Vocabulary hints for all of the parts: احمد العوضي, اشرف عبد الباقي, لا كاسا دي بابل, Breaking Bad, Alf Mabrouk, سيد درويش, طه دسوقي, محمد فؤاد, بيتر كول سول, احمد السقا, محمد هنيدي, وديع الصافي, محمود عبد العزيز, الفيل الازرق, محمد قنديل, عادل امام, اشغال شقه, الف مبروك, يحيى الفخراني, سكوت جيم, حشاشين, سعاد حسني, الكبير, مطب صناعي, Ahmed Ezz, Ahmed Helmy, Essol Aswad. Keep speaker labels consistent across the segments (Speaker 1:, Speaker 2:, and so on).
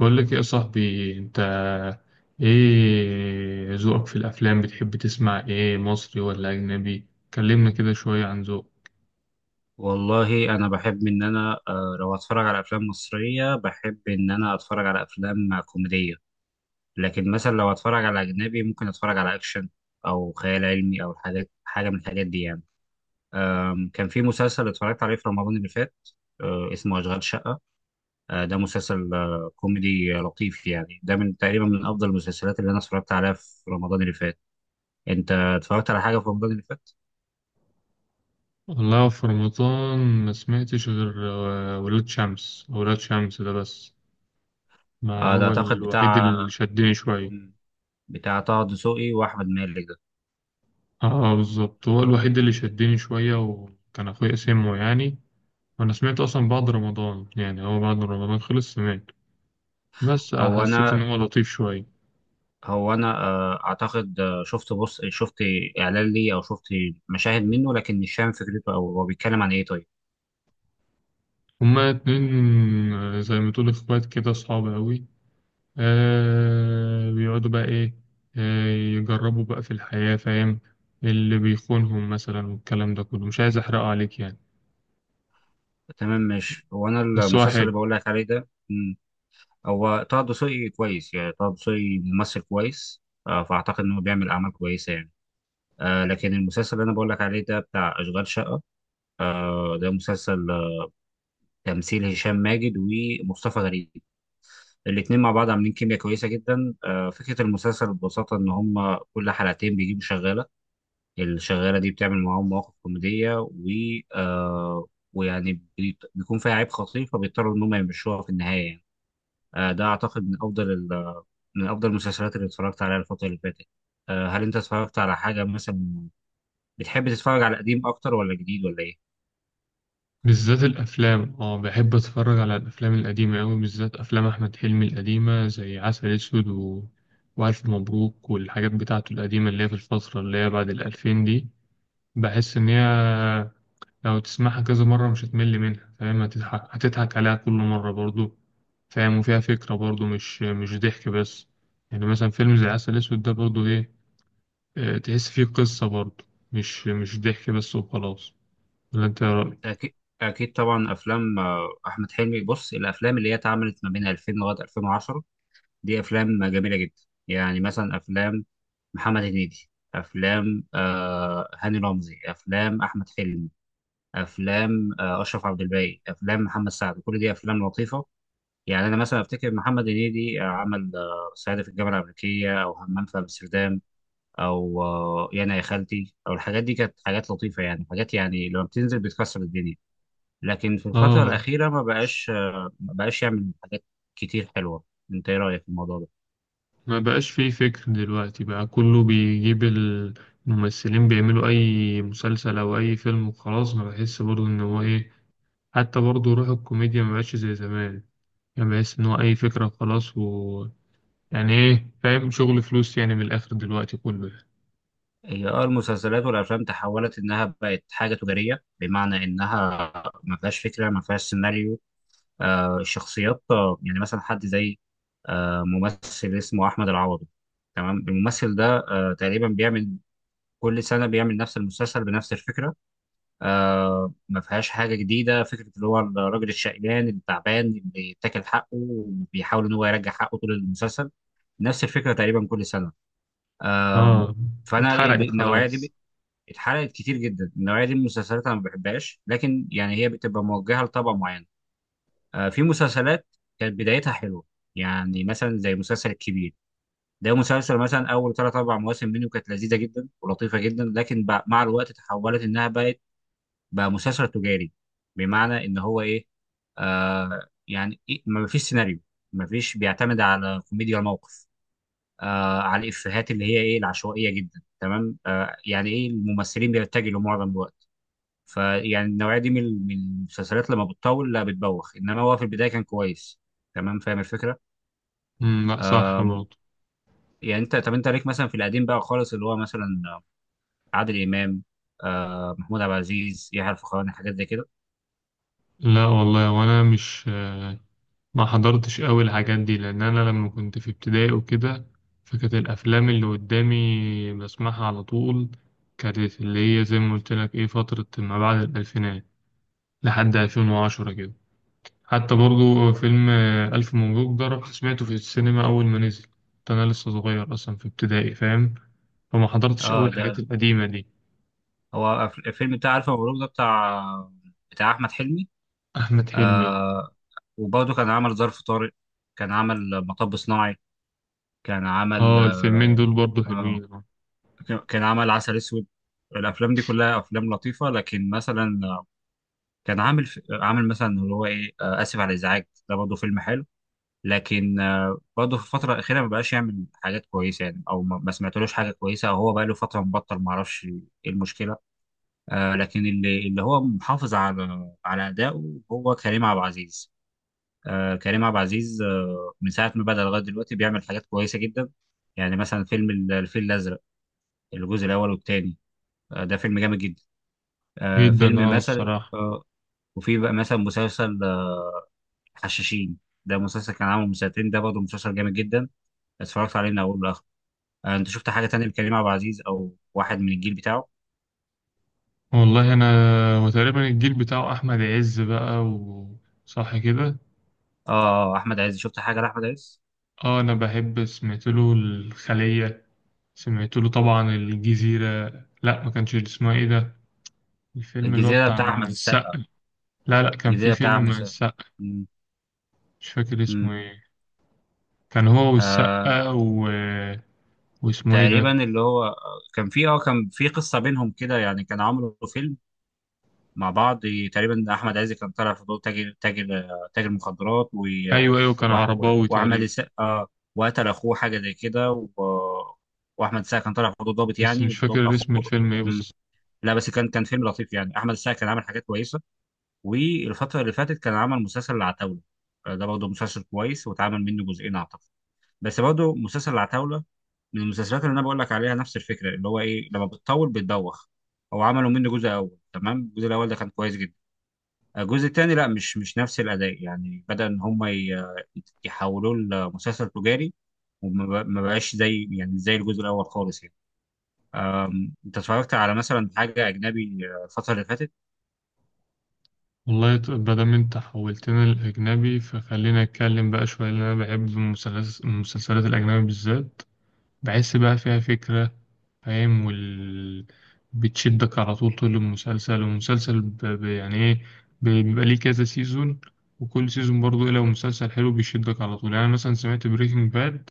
Speaker 1: بقول لك إيه يا صاحبي انت؟ ايه ذوقك في الافلام؟ بتحب تسمع ايه، مصري ولا اجنبي؟ كلمنا كده شوية عن ذوق.
Speaker 2: والله انا بحب ان انا لو اتفرج على افلام مصريه، بحب ان انا اتفرج على افلام كوميديه. لكن مثلا لو اتفرج على اجنبي ممكن اتفرج على اكشن، او خيال علمي، او حاجه من الحاجات دي يعني. كان في مسلسل اتفرجت عليه في رمضان اللي فات. اسمه اشغال شقه. ده مسلسل كوميدي لطيف، يعني ده من تقريبا من افضل المسلسلات اللي انا اتفرجت عليها في رمضان اللي فات. انت اتفرجت على حاجه في رمضان اللي فات؟
Speaker 1: والله في رمضان ما سمعتش غير ولاد شمس، ولاد شمس ده بس، ما
Speaker 2: ده
Speaker 1: هو
Speaker 2: اعتقد
Speaker 1: الوحيد
Speaker 2: بتاع،
Speaker 1: اللي شدني شوية.
Speaker 2: طه دسوقي واحمد مالك ده.
Speaker 1: اه بالظبط، هو الوحيد اللي شدني شوية، وكان اخويا سمعه يعني، وانا سمعت اصلا بعد رمضان، يعني هو بعد رمضان خلص سمعت، بس
Speaker 2: هو
Speaker 1: حسيت ان
Speaker 2: انا
Speaker 1: هو لطيف شوية.
Speaker 2: هو انا اعتقد شفت، شفت اعلان ليه، او شفت مشاهد منه، لكن مش فاهم فكرته او هو بيتكلم عن ايه. طيب،
Speaker 1: هما اتنين زي ما تقول اخوات كده، صعب قوي. آه بيقعدوا بقى ايه، آه يجربوا بقى في الحياة، فاهم؟ اللي بيخونهم مثلا والكلام ده كله، مش عايز احرقه عليك يعني،
Speaker 2: تمام. مش، هو انا
Speaker 1: بس هو
Speaker 2: المسلسل اللي
Speaker 1: حلو.
Speaker 2: بقول لك عليه ده، هو طه دسوقي كويس، يعني طه دسوقي ممثل كويس، فاعتقد انه بيعمل اعمال كويسه يعني. لكن المسلسل اللي انا بقول لك عليه ده بتاع اشغال شقه. ده مسلسل تمثيل هشام ماجد ومصطفى غريب. الاتنين مع بعض عاملين كيمياء كويسه جدا. فكره المسلسل ببساطه ان هم كل حلقتين بيجيبوا شغاله. الشغاله دي بتعمل معاهم مواقف كوميديه، و آه ويعني بيكون فيها عيب خطير، فبيضطروا ان هم يمشوها في النهايه يعني. ده اعتقد من افضل من افضل المسلسلات اللي اتفرجت عليها الفتره اللي فاتت. هل انت اتفرجت على حاجه مثلا؟ بتحب تتفرج على قديم اكتر ولا جديد ولا ايه؟
Speaker 1: بالذات الافلام، اه بحب اتفرج على الافلام القديمة قوي، بالذات افلام احمد حلمي القديمة زي عسل اسود و... والف مبروك والحاجات بتاعته القديمة اللي هي في الفترة اللي هي بعد الالفين دي. بحس ان هي لو تسمعها كذا مرة مش هتمل منها، فاهم؟ هتضحك، هتضحك عليها كل مرة برضو، فاهم؟ وفيها فكرة برضو، مش ضحك بس. يعني مثلا فيلم زي عسل أسود ده برضو إيه، تحس فيه قصة برضو، مش ضحك بس وخلاص. ولا أنت إيه رأيك؟
Speaker 2: اكيد، اكيد طبعا افلام احمد حلمي. بص، الافلام اللي هي اتعملت ما بين 2000 لغايه 2010 دي افلام جميله جدا. يعني مثلا افلام محمد هنيدي، افلام هاني رمزي، افلام احمد حلمي، افلام اشرف عبد الباقي، افلام محمد سعد، كل دي افلام لطيفه. يعني انا مثلا افتكر محمد هنيدي عمل صعيدي في الجامعه الامريكيه، او همام في امستردام، او يانا يا خالتي، او الحاجات دي كانت حاجات لطيفه، يعني حاجات يعني لما بتنزل بتكسر الدنيا. لكن في الفتره
Speaker 1: آه
Speaker 2: الاخيره ما بقاش يعمل حاجات كتير حلوه. انت ايه رايك في الموضوع ده؟
Speaker 1: ما بقاش فيه فكر دلوقتي بقى، كله بيجيب الممثلين بيعملوا أي مسلسل أو أي فيلم وخلاص، ما بحس برضو إن هو إيه. حتى برضو روح الكوميديا ما بقاش زي زمان، يعني بحس إن هو أي فكرة خلاص و يعني ايه، فاهم؟ شغل فلوس يعني، من الاخر دلوقتي كله يعني.
Speaker 2: هي اه المسلسلات والافلام تحولت انها بقت حاجه تجاريه، بمعنى انها ما فيهاش فكره، ما فيهاش سيناريو. الشخصيات، يعني مثلا حد زي ممثل اسمه احمد العوضي. تمام، الممثل ده تقريبا بيعمل، كل سنه بيعمل نفس المسلسل بنفس الفكره. ما فيهاش حاجه جديده. فكره اللي هو الراجل الشقيان التعبان اللي بيتاكل حقه وبيحاول ان هو يرجع حقه طول المسلسل. نفس الفكره تقريبا كل سنه. آه
Speaker 1: اه.
Speaker 2: فانا
Speaker 1: اتحرقت
Speaker 2: النوعيه
Speaker 1: خلاص.
Speaker 2: دي اتحرقت كتير جدا. النوعيه دي من المسلسلات انا ما بحبهاش، لكن يعني هي بتبقى موجهه لطبقه معينه. في مسلسلات كانت بدايتها حلوه، يعني مثلا زي مسلسل الكبير. ده مسلسل مثلا اول ثلاث اربع مواسم منه كانت لذيذه جدا ولطيفه جدا، لكن مع الوقت تحولت انها بقت، بقى مسلسل تجاري. بمعنى ان هو ايه؟ يعني إيه، ما فيش سيناريو، ما فيش، بيعتمد على كوميديا الموقف، على الافيهات اللي هي ايه العشوائيه جدا. تمام، يعني ايه الممثلين بيتجهوا معظم الوقت. فيعني النوعيه دي من المسلسلات لما بتطول لا بتبوخ، انما هو في البدايه كان كويس. تمام، فاهم الفكره.
Speaker 1: لا، صح برضه.
Speaker 2: يعني انت، طب انت ليك مثلا في القديم بقى خالص اللي هو مثلا عادل امام، محمود عبد العزيز، يحيى الفخراني، حاجات زي كده؟
Speaker 1: لا والله، وانا مش ما حضرتش قوي الحاجات دي، لان انا لما كنت في ابتدائي وكده، فكانت الافلام اللي قدامي بسمعها على طول، كانت اللي هي زي ما قلت لك ايه، فترة ما بعد الالفينات لحد 2010 كده. حتى برضه فيلم الف مبروك ده رحت سمعته في السينما اول ما نزل، كنت انا لسه صغير اصلا في ابتدائي، فاهم؟ فما حضرتش
Speaker 2: اه
Speaker 1: أوي
Speaker 2: ده،
Speaker 1: الحاجات القديمة دي.
Speaker 2: هو الفيلم بتاع الف مبروك ده بتاع، احمد حلمي.
Speaker 1: أحمد حلمي، أه.
Speaker 2: آه وبرضه كان عمل ظرف طارق. كان عمل مطب صناعي. كان عمل
Speaker 1: أه الفيلمين دول برضه
Speaker 2: آه
Speaker 1: حلوين، أه.
Speaker 2: كان، عمل عسل اسود. الافلام دي كلها افلام لطيفه. لكن مثلا كان عامل في، عامل مثلا اللي هو ايه اسف على الازعاج، ده برضه فيلم حلو. لكن برضه في الفتره الاخيره ما بقاش يعمل حاجات كويسه يعني، او ما سمعتلوش حاجه كويسه، او هو بقى له فتره مبطل، ما اعرفش ايه المشكله. لكن اللي، هو محافظ على، ادائه هو كريم عبد العزيز. كريم عبد العزيز من ساعه ما بدا لغايه دلوقتي بيعمل حاجات كويسه جدا. يعني مثلا فيلم الفيل الازرق، الجزء الاول والثاني. ده فيلم جامد جدا.
Speaker 1: جدا،
Speaker 2: فيلم
Speaker 1: أه،
Speaker 2: مثلا
Speaker 1: الصراحة.
Speaker 2: وفي بقى مثلا مسلسل حشاشين. ده مسلسل كان عامل من سنتين، ده برضه مسلسل جامد جدا، اتفرجت عليه من اوله لاخره. انت شفت حاجه تانية لكريم عبد العزيز او واحد من الجيل بتاعه؟
Speaker 1: والله أنا، وتقريبا الجيل بتاعه أحمد عز بقى، وصح كده.
Speaker 2: اه، احمد عز، شفت حاجه لاحمد عز؟
Speaker 1: أه أنا بحب، سمعت له الخلية، سمعت له طبعا الجزيرة. لأ، ما كانش اسمها إيه ده، الفيلم اللي هو
Speaker 2: الجزيره بتاع
Speaker 1: بتاع
Speaker 2: احمد السقا.
Speaker 1: السقا. لا، لأ، كان في
Speaker 2: الجزيره بتاع
Speaker 1: فيلم
Speaker 2: احمد
Speaker 1: مع
Speaker 2: السقا.
Speaker 1: السقا.
Speaker 2: مم.
Speaker 1: مش فاكر اسمه
Speaker 2: مم.
Speaker 1: إيه. كان هو
Speaker 2: آه
Speaker 1: والسقا و... واسمه إيه ده؟
Speaker 2: تقريبا اللي هو كان في اه، كان في قصه بينهم كده يعني، كان عامله فيلم مع بعض. تقريبا احمد عز كان طالع في دور تاجر، تاجر مخدرات، و،
Speaker 1: أيوه أيوه، كان
Speaker 2: و،
Speaker 1: عرباوي
Speaker 2: واحمد
Speaker 1: تقريبا.
Speaker 2: السقا، وقتل اخوه حاجه زي كده، و، واحمد السقا كان طالع في دور ضابط،
Speaker 1: بس
Speaker 2: يعني
Speaker 1: مش
Speaker 2: وضابط
Speaker 1: فاكر اسم
Speaker 2: اخوه.
Speaker 1: الفيلم ايه
Speaker 2: مم.
Speaker 1: بس.
Speaker 2: لا بس كان، فيلم لطيف، يعني احمد السقا كان عامل حاجات كويسه. والفتره اللي فاتت كان عمل مسلسل العتاوله. ده برضه مسلسل كويس واتعمل منه جزئين اعتقد. بس برضه مسلسل العتاوله من المسلسلات اللي انا بقول لك عليها نفس الفكره اللي هو ايه لما بتطول بتدوخ. هو عملوا منه جزء اول، تمام. الجزء الاول ده كان كويس جدا. الجزء الثاني لا، مش نفس الاداء. يعني بدا ان هم يحولوه لمسلسل تجاري. ما بقاش زي، يعني زي الجزء الاول خالص يعني. انت اتفرجت على مثلا حاجه اجنبي الفتره اللي فاتت؟
Speaker 1: والله، مادام انت حولتنا للأجنبي فخلينا نتكلم بقى شوية، لأن أنا بحب المسلسلات الأجنبي بالذات، بحس بقى فيها فكرة، فاهم؟ وال... بتشدك على طول، طول المسلسل، والمسلسل ب... ب... يعني ايه، بيبقى ليه كذا سيزون، وكل سيزون برضه إيه، لو مسلسل حلو بيشدك على طول. يعني أنا مثلا سمعت بريكنج باد،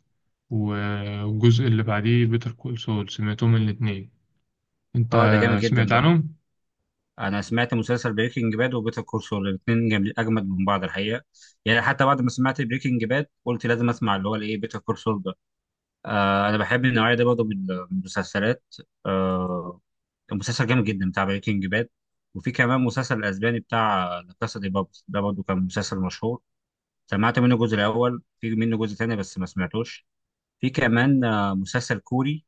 Speaker 1: والجزء اللي بعديه بيتر كول سول، سمعتهم الاتنين. انت
Speaker 2: اه ده جامد جدا
Speaker 1: سمعت
Speaker 2: ده.
Speaker 1: عنهم؟
Speaker 2: انا سمعت مسلسل بريكنج باد وبيتر كول سول، الاثنين جامد، اجمد من بعض الحقيقه. يعني حتى بعد ما سمعت بريكنج باد قلت لازم اسمع اللي هو الايه بيتر كول سول ده. انا بحب النوعيه دي برضه من المسلسلات. آه، كان مسلسل جامد جدا بتاع بريكنج باد. وفي كمان مسلسل الاسباني بتاع لا كاسا دي بابل، ده برضه كان مسلسل مشهور. سمعت منه الجزء الاول، في منه جزء تاني بس ما سمعتوش. في كمان مسلسل كوري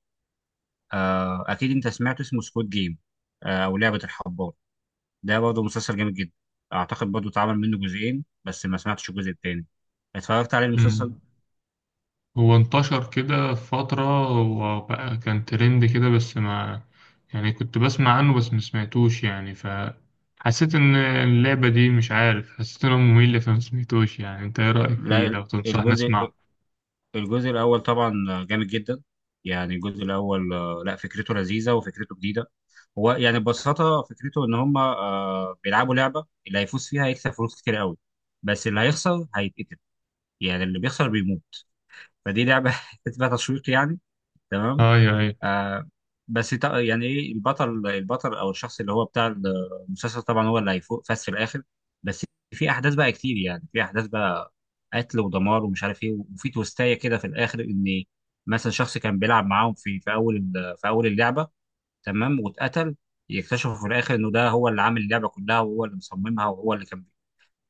Speaker 2: اكيد انت سمعته، اسمه سكوت جيم او لعبه الحبار. ده برضه مسلسل جامد جدا. اعتقد برضه اتعمل منه جزئين بس ما سمعتش الجزء التاني. اتفرجت على المسلسل ده؟
Speaker 1: هو انتشر كده في فترة وبقى كان ترند كده، بس ما، يعني كنت بسمع عنه بس ما سمعتوش يعني، فحسيت ان اللعبة دي مش عارف، حسيت انه ممل فما سمعتوش يعني. انت ايه رأيك فيه؟
Speaker 2: لا،
Speaker 1: لو تنصحني
Speaker 2: الجزء،
Speaker 1: اسمعه.
Speaker 2: الاول طبعا جامد جدا. يعني الجزء الاول لا فكرته لذيذه وفكرته جديده. هو يعني ببساطة فكرته إن هما بيلعبوا لعبة، اللي هيفوز فيها هيكسب فلوس كتير قوي، بس اللي هيخسر هيتقتل، يعني اللي بيخسر بيموت. فدي لعبة تبقى تشويق يعني. تمام.
Speaker 1: اي اي.
Speaker 2: آه بس يعني إيه، البطل، أو الشخص اللي هو بتاع المسلسل طبعا هو اللي هيفوز في الآخر. بس في أحداث بقى كتير، يعني في أحداث بقى قتل ودمار ومش عارف إيه، وفي توستاية كده في الآخر، إن مثلا شخص كان بيلعب معاهم في أول في أول اللعبة، تمام، واتقتل. يكتشفوا في الاخر انه ده هو اللي عامل اللعبه كلها، وهو اللي مصممها، وهو اللي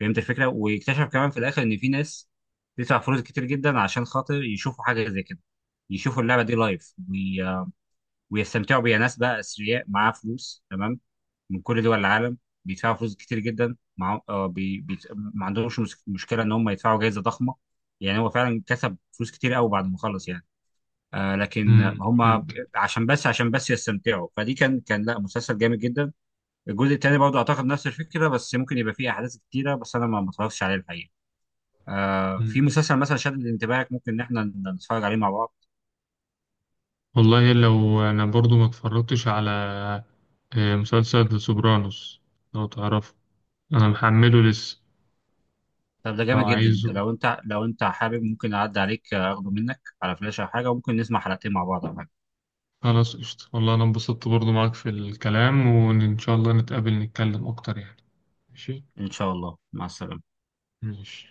Speaker 2: فهمت الفكره. ويكتشف كمان في الاخر ان في ناس بتدفع فلوس كتير جدا عشان خاطر يشوفوا حاجه زي كده، يشوفوا اللعبه دي لايف، ويستمتعوا بيها. ناس بقى اثرياء معاها فلوس، تمام، من كل دول العالم بيدفعوا فلوس كتير جدا، مع... آه بي... بي... ما عندهمش مشكله ان هم يدفعوا جائزه ضخمه. يعني هو فعلا كسب فلوس كتير قوي بعد ما خلص يعني. لكن
Speaker 1: امم،
Speaker 2: هم
Speaker 1: فهمت.
Speaker 2: عشان بس، يستمتعوا. فدي كان، لا مسلسل جامد جدا. الجزء الثاني برضه اعتقد نفس الفكره، بس ممكن يبقى فيه احداث كتيره، بس انا ما اتفرجتش عليه الحقيقه. في
Speaker 1: مم.
Speaker 2: مسلسل مثلا شدد انتباهك، ممكن ان احنا نتفرج عليه مع بعض.
Speaker 1: والله لو انا برضو ما اتفرجتش على مسلسل ذا سوبرانوس، لو تعرفه، انا محمله لسه.
Speaker 2: طب ده
Speaker 1: لو
Speaker 2: جامد جدا.
Speaker 1: عايزه،
Speaker 2: لو انت، حابب، ممكن اعدي عليك اخده منك على فلاش او حاجه، وممكن نسمع حلقتين مع بعض او حاجه.
Speaker 1: خلاص قشطة. والله أنا انبسطت برضو معاك في الكلام، وإن إن شاء الله نتقابل نتكلم أكتر يعني. ماشي.
Speaker 2: ان شاء الله. مع السلامه.
Speaker 1: ماشي.